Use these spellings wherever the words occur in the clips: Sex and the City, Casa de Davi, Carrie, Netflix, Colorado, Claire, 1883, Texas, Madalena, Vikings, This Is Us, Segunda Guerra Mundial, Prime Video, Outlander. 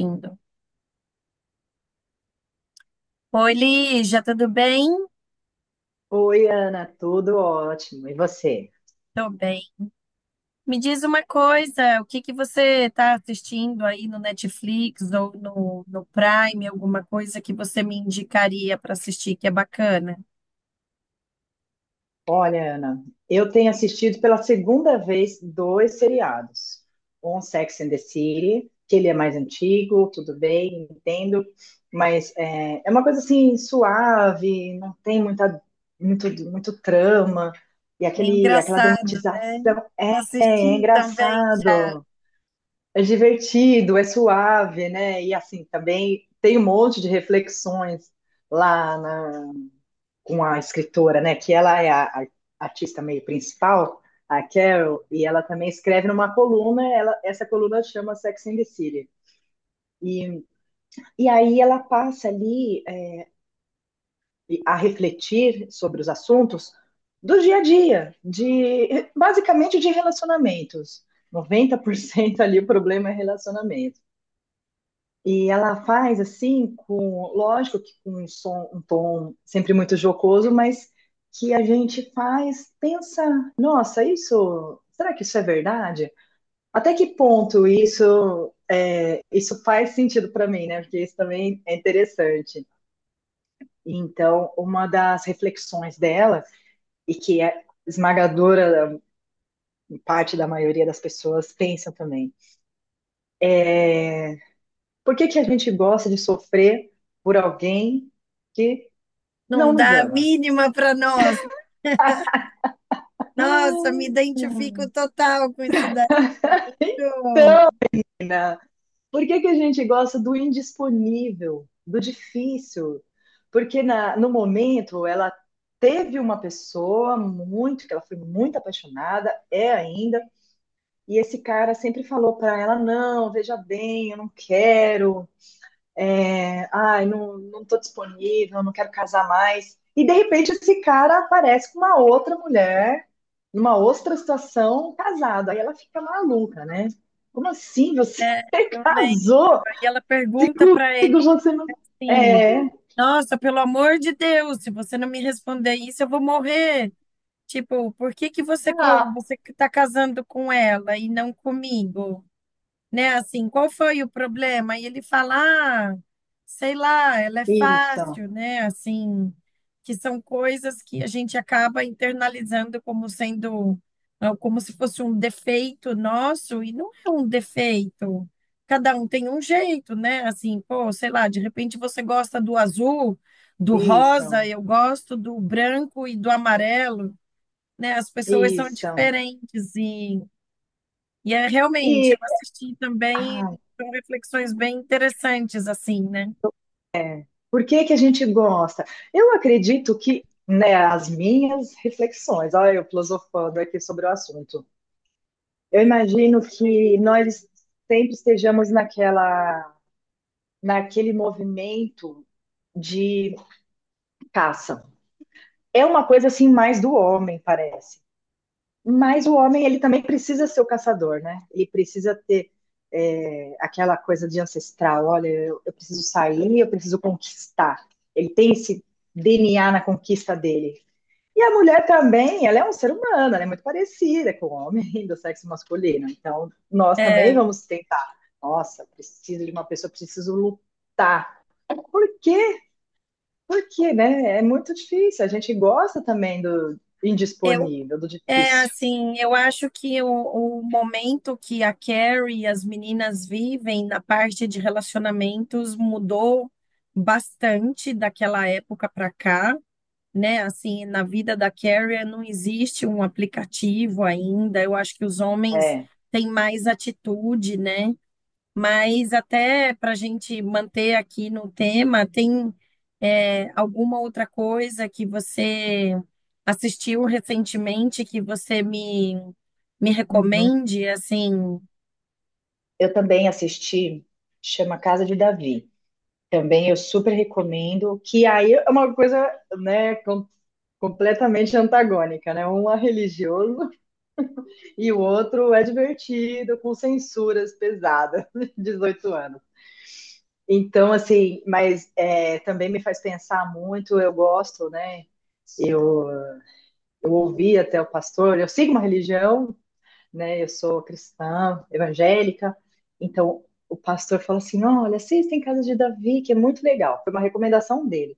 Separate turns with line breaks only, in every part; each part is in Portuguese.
Indo. Oi, Lígia, tudo bem?
Oi, Ana, tudo ótimo. E você?
Tô bem. Me diz uma coisa, o que que você está assistindo aí no Netflix ou no Prime, alguma coisa que você me indicaria para assistir que é bacana?
Olha, Ana, eu tenho assistido pela segunda vez dois seriados. Um Sex and the City, que ele é mais antigo, tudo bem, entendo, mas é uma coisa assim suave, não tem muita, muito, muito trama, e
É
aquela
engraçado, né?
dramatização é,
Eu
é
assisti também já.
engraçado, é divertido, é suave, né? E assim, também tem um monte de reflexões lá com a escritora, né? Que ela é a artista meio principal, a Carol, e ela também escreve numa coluna, essa coluna chama Sex and the City. E, e aí ela passa ali a refletir sobre os assuntos do dia a dia, de basicamente de relacionamentos. 90% ali o problema é relacionamento. E ela faz assim, lógico que com um tom sempre muito jocoso, mas que a gente faz, pensa, nossa, isso, será que isso é verdade? Até que ponto isso faz sentido para mim, né? Porque isso também é interessante. Então, uma das reflexões dela e que é esmagadora parte da maioria das pessoas pensam também. Por que que a gente gosta de sofrer por alguém que
Não
não nos
dá a
ama?
mínima para nós. Nossa, me identifico total com isso daí. Eu
Por que que a gente gosta do indisponível, do difícil? Porque no momento ela teve uma pessoa que ela foi muito apaixonada, é ainda, e esse cara sempre falou para ela, não, veja bem, eu não quero, ai, não, não tô disponível, não quero casar mais. E de repente esse cara aparece com uma outra mulher, numa outra situação, casado. Aí ela fica maluca, né? Como assim você
eu lembro.
casou?
E ela
Se
pergunta para
comigo
ele,
você não.
sim.
É.
Nossa, pelo amor de Deus, se você não me responder isso, eu vou morrer. Tipo, por que que você,
Ah,
você que tá casando com ela e não comigo? Né? Assim, qual foi o problema? E ele fala, ah, sei lá, ela é
isso,
fácil, né? Assim, que são coisas que a gente acaba internalizando como sendo, ah, como se fosse um defeito nosso, e não é um defeito. Cada um tem um jeito, né? Assim, pô, sei lá, de repente você gosta do azul, do rosa,
isso,
eu gosto do branco e do amarelo, né? As pessoas são
isso.
diferentes, e é realmente,
E
eu assisti também,
ai,
são reflexões bem interessantes, assim, né?
por que que a gente gosta? Eu acredito que, né, as minhas reflexões, olha, eu filosofando aqui sobre o assunto. Eu imagino que nós sempre estejamos naquele movimento de caça. É uma coisa assim mais do homem, parece. Mas o homem, ele também precisa ser o caçador, né? Ele precisa ter aquela coisa de ancestral, olha, eu preciso sair, eu preciso conquistar. Ele tem esse DNA na conquista dele. E a mulher também, ela é um ser humano, ela é muito parecida com o homem do sexo masculino. Então, nós também
É,
vamos tentar. Nossa, preciso de uma pessoa, preciso lutar. Por quê? Porque, né? É muito difícil. A gente gosta também do
eu,
indisponível, do
é
difícil.
assim, eu acho que o momento que a Carrie e as meninas vivem na parte de relacionamentos mudou bastante daquela época para cá, né? Assim, na vida da Carrie não existe um aplicativo ainda. Eu acho que os homens
É.
têm mais atitude, né? Mas até para a gente manter aqui no tema, tem alguma outra coisa que você assistiu recentemente que você me
Uhum.
recomende? Assim,
Eu também assisti, chama Casa de Davi. Também eu super recomendo, que aí é uma coisa, né, completamente antagônica, né? Um é religioso e o outro é divertido, com censuras pesadas, 18 anos. Então, assim, mas é, também me faz pensar muito, eu gosto, né? Eu, eu ouvi até o pastor, eu sigo uma religião, né? Eu sou cristã, evangélica, então o pastor falou assim: olha, assistem Casa de Davi, que é muito legal. Foi uma recomendação dele.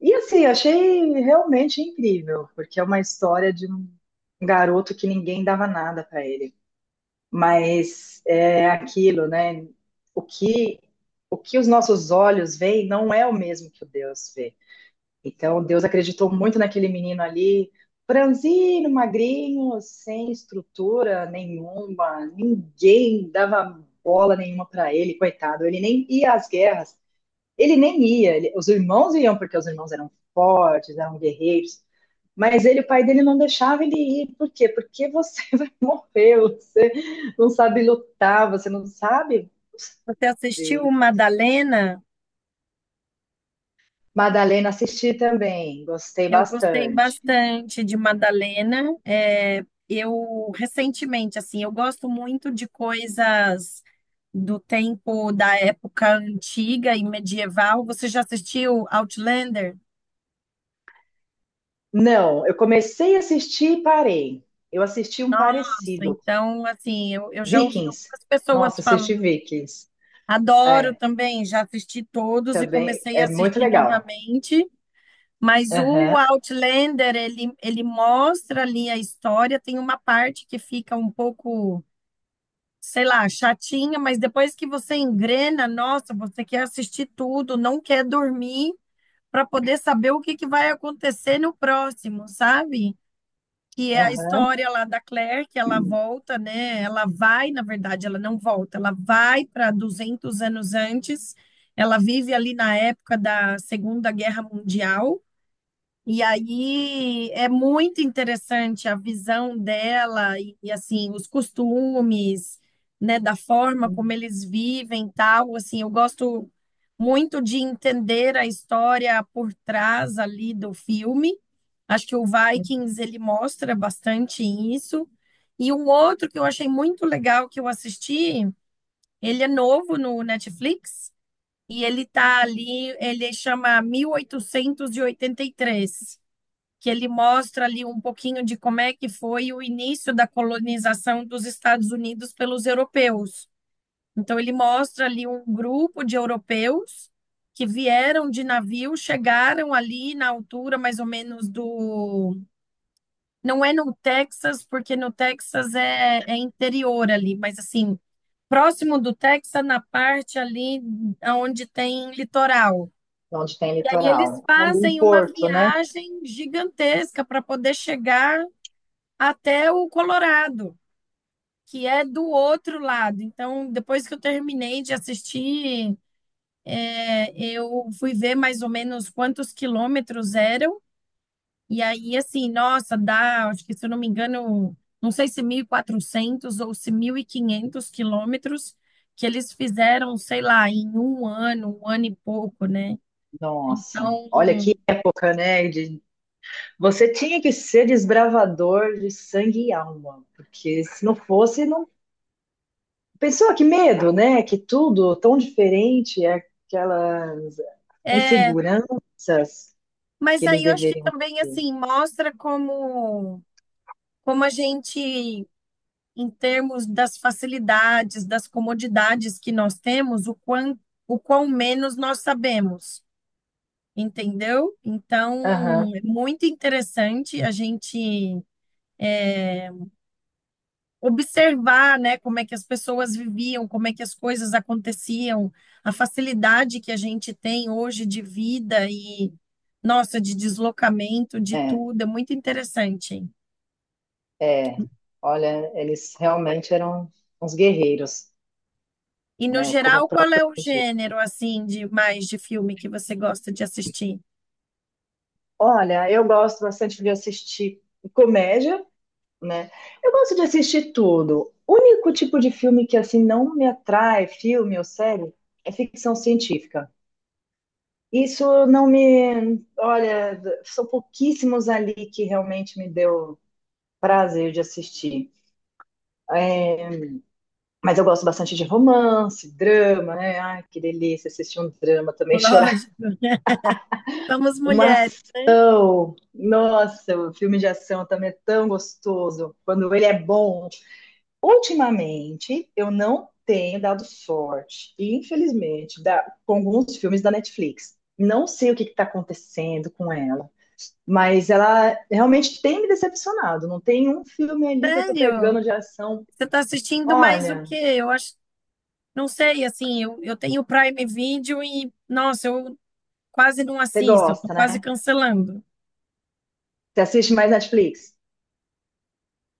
E assim, eu achei realmente incrível, porque é uma história de um garoto que ninguém dava nada para ele. Mas é aquilo, né? O que, o que os nossos olhos veem não é o mesmo que o Deus vê. Então, Deus acreditou muito naquele menino ali, franzino, magrinho, sem estrutura nenhuma, ninguém dava bola nenhuma para ele, coitado. Ele nem ia às guerras, ele nem ia. Ele- os irmãos iam porque os irmãos eram fortes, eram guerreiros. Mas ele, o pai dele não deixava ele ir. Por quê? Porque você vai morrer, você não sabe lutar, você não sabe.
você assistiu
Ver.
Madalena?
Madalena assisti também, gostei
Eu gostei
bastante.
bastante de Madalena. É, eu recentemente, assim, eu gosto muito de coisas do tempo da época antiga e medieval. Você já assistiu Outlander?
Não, eu comecei a assistir e parei. Eu assisti um parecido,
Então, assim, eu já ouvi
Vikings.
algumas pessoas
Nossa, assisti
falando.
Vikings.
Adoro
É,
também, já assisti todos e
também
comecei a
é muito
assistir
legal.
novamente. Mas o
Aham,
Outlander, ele mostra ali a história. Tem uma parte que fica um pouco, sei lá, chatinha, mas depois que você engrena, nossa, você quer assistir tudo, não quer dormir para poder saber o que que vai acontecer no próximo, sabe? Que é a
aham.
história lá da Claire, que ela volta, né? Ela vai, na verdade, ela não volta, ela vai para 200 anos antes. Ela vive ali na época da Segunda Guerra Mundial e aí é muito interessante a visão dela e, assim os costumes, né, da forma como
Hum,
eles vivem, tal, assim, eu gosto muito de entender a história por trás ali do filme. Acho que o
hum.
Vikings ele mostra bastante isso. E um outro que eu achei muito legal que eu assisti, ele é novo no Netflix e ele tá ali, ele chama 1883, que ele mostra ali um pouquinho de como é que foi o início da colonização dos Estados Unidos pelos europeus. Então, ele mostra ali um grupo de europeus que vieram de navio, chegaram ali na altura mais ou menos do. Não é no Texas, porque no Texas é interior ali, mas assim, próximo do Texas, na parte ali onde tem litoral.
Onde tem
E aí eles
litoral? Ali em
fazem uma
Porto, né?
viagem gigantesca para poder chegar até o Colorado, que é do outro lado. Então, depois que eu terminei de assistir, eu fui ver mais ou menos quantos quilômetros eram. E aí, assim, nossa, dá, acho que se eu não me engano, não sei se 1.400 ou se 1.500 quilômetros que eles fizeram, sei lá, em um ano e pouco, né?
Nossa, olha
Então,
que época, né? De- Você tinha que ser desbravador de sangue e alma, porque se não fosse, não. Pessoa, que medo, né? Que tudo tão diferente, aquelas
é.
inseguranças. Que
Mas
eles
aí eu acho que
deveriam
também,
ter.
assim, mostra como, a gente em termos das facilidades, das comodidades que nós temos, o quão menos nós sabemos, entendeu?
Aham,
Então, é muito interessante a gente observar, né, como é que as pessoas viviam, como é que as coisas aconteciam, a facilidade que a gente tem hoje de vida e, nossa, de deslocamento, de
é,
tudo, é muito interessante.
é. Olha, eles realmente eram uns guerreiros,
E no
né? Como o
geral, qual
próprio
é o
diz.
gênero assim de mais de filme que você gosta de assistir?
Olha, eu gosto bastante de assistir comédia, né? Eu gosto de assistir tudo. O único tipo de filme que assim não me atrai, filme ou série, é ficção científica. Isso não me, olha, são pouquíssimos ali que realmente me deu prazer de assistir. É. Mas eu gosto bastante de romance, drama, né? Ai, que delícia assistir um drama também, chorar.
Lógico. Vamos,
Uma
mulher.
ação. Nossa, o filme de ação também é tão gostoso. Quando ele é bom. Ultimamente, eu não tenho dado sorte. E, infelizmente, dá, com alguns filmes da Netflix. Não sei o que está acontecendo com ela. Mas ela realmente tem me decepcionado. Não tem um filme ali que eu tô pegando
Sério?
de ação.
Você tá assistindo mais o
Olha,
quê? Eu acho, não sei, assim, eu tenho Prime Video e, nossa, eu quase não
você
assisto, eu tô
gosta,
quase
né?
cancelando.
Você assiste mais Netflix?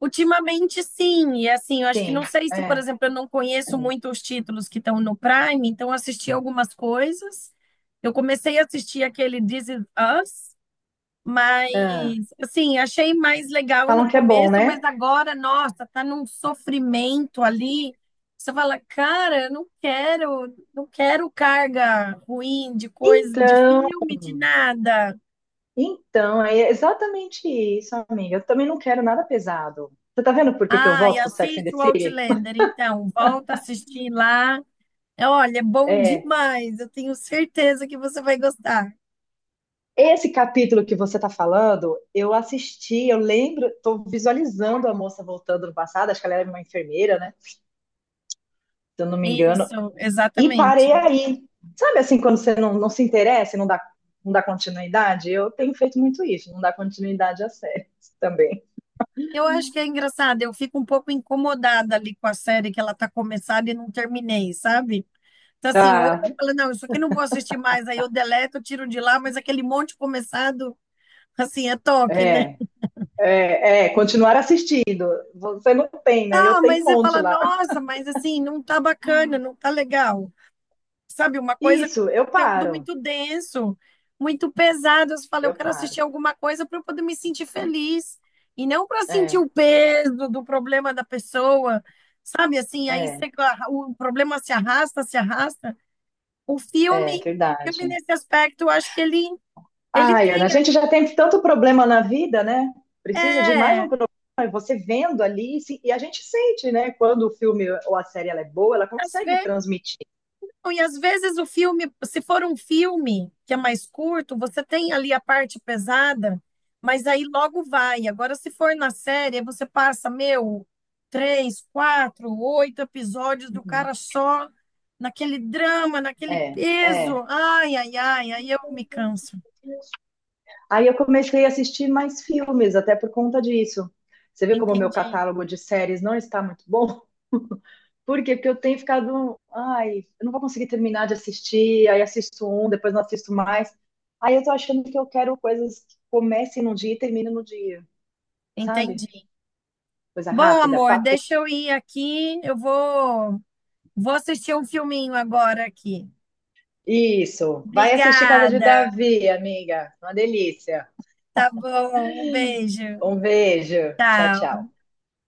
Ultimamente, sim, e assim, eu acho que
Sim,
não sei se, por
é.
exemplo, eu não conheço muito os títulos que estão no Prime, então eu assisti algumas coisas. Eu comecei a assistir aquele This Is Us. Mas,
Ah,
assim, achei mais legal no
falam que é bom,
começo, mas
né?
agora, nossa, tá num sofrimento ali. Você fala, cara, eu não quero, não quero carga ruim de coisa, de
Então,
filme, de nada.
então, é exatamente isso, amiga. Eu também não quero nada pesado. Você tá vendo por que que eu
Ah, e
volto pro Sex and the
assiste o
City?
Outlander, então, volta a assistir lá. É, olha, é bom
É,
demais, eu tenho certeza que você vai gostar.
esse capítulo que você tá falando, eu assisti, eu lembro, tô visualizando a moça voltando no passado, acho que ela era uma enfermeira, né? Se eu não me engano,
Isso,
e parei
exatamente.
aí. Sabe assim, quando você não, não se interessa, e não dá, não dá continuidade? Eu tenho feito muito isso, não dá continuidade a séries também.
Eu acho que é engraçado, eu fico um pouco incomodada ali com a série que ela tá começada e não terminei, sabe? Então, assim, hoje
Tá,
eu falo, não, isso aqui eu não vou assistir mais, aí eu deleto, eu tiro de lá, mas aquele monte começado, assim, é toque, né?
é. É, é, continuar assistindo. Você não tem, né? Eu
Ah,
tenho
mas
um
você
monte
fala,
lá.
nossa, mas assim, não tá bacana, não tá legal. Sabe, uma coisa com
Isso, eu
conteúdo
paro.
muito denso, muito pesado. Eu falei, eu
Eu
quero
paro.
assistir alguma coisa para eu poder me sentir feliz e não para sentir
É,
o peso do problema da pessoa, sabe? Assim, aí
é,
você- ah, o problema se arrasta, se arrasta. O
é
filme
verdade.
nesse aspecto, eu acho que ele
Ai,
tem,
Ana, a gente já tem tanto problema na vida, né? Precisa de mais um
é,
problema. E você vendo ali, se- e a gente sente, né? Quando o filme ou a série ela é boa, ela
às
consegue
vezes.
transmitir.
Não, e às vezes o filme, se for um filme que é mais curto, você tem ali a parte pesada, mas aí logo vai. Agora, se for na série, aí você passa, meu, três, quatro, 8 episódios do
Uhum.
cara só naquele drama, naquele
É,
peso.
é.
Ai, ai, ai, aí eu me canso.
Aí eu comecei a assistir mais filmes, até por conta disso. Você vê como o meu
Entendi,
catálogo de séries não está muito bom? Por quê? Porque eu tenho ficado, ai, eu não vou conseguir terminar de assistir, aí assisto um, depois não assisto mais. Aí eu tô achando que eu quero coisas que comecem num dia e terminem no dia, sabe?
entendi.
Coisa
Bom,
rápida,
amor,
papo.
deixa eu ir aqui. Eu vou assistir um filminho agora aqui.
Isso. Vai assistir Casa de
Obrigada.
Davi, amiga. Uma delícia.
Tá bom, um beijo.
Um beijo. Tchau,
Tchau.
tchau.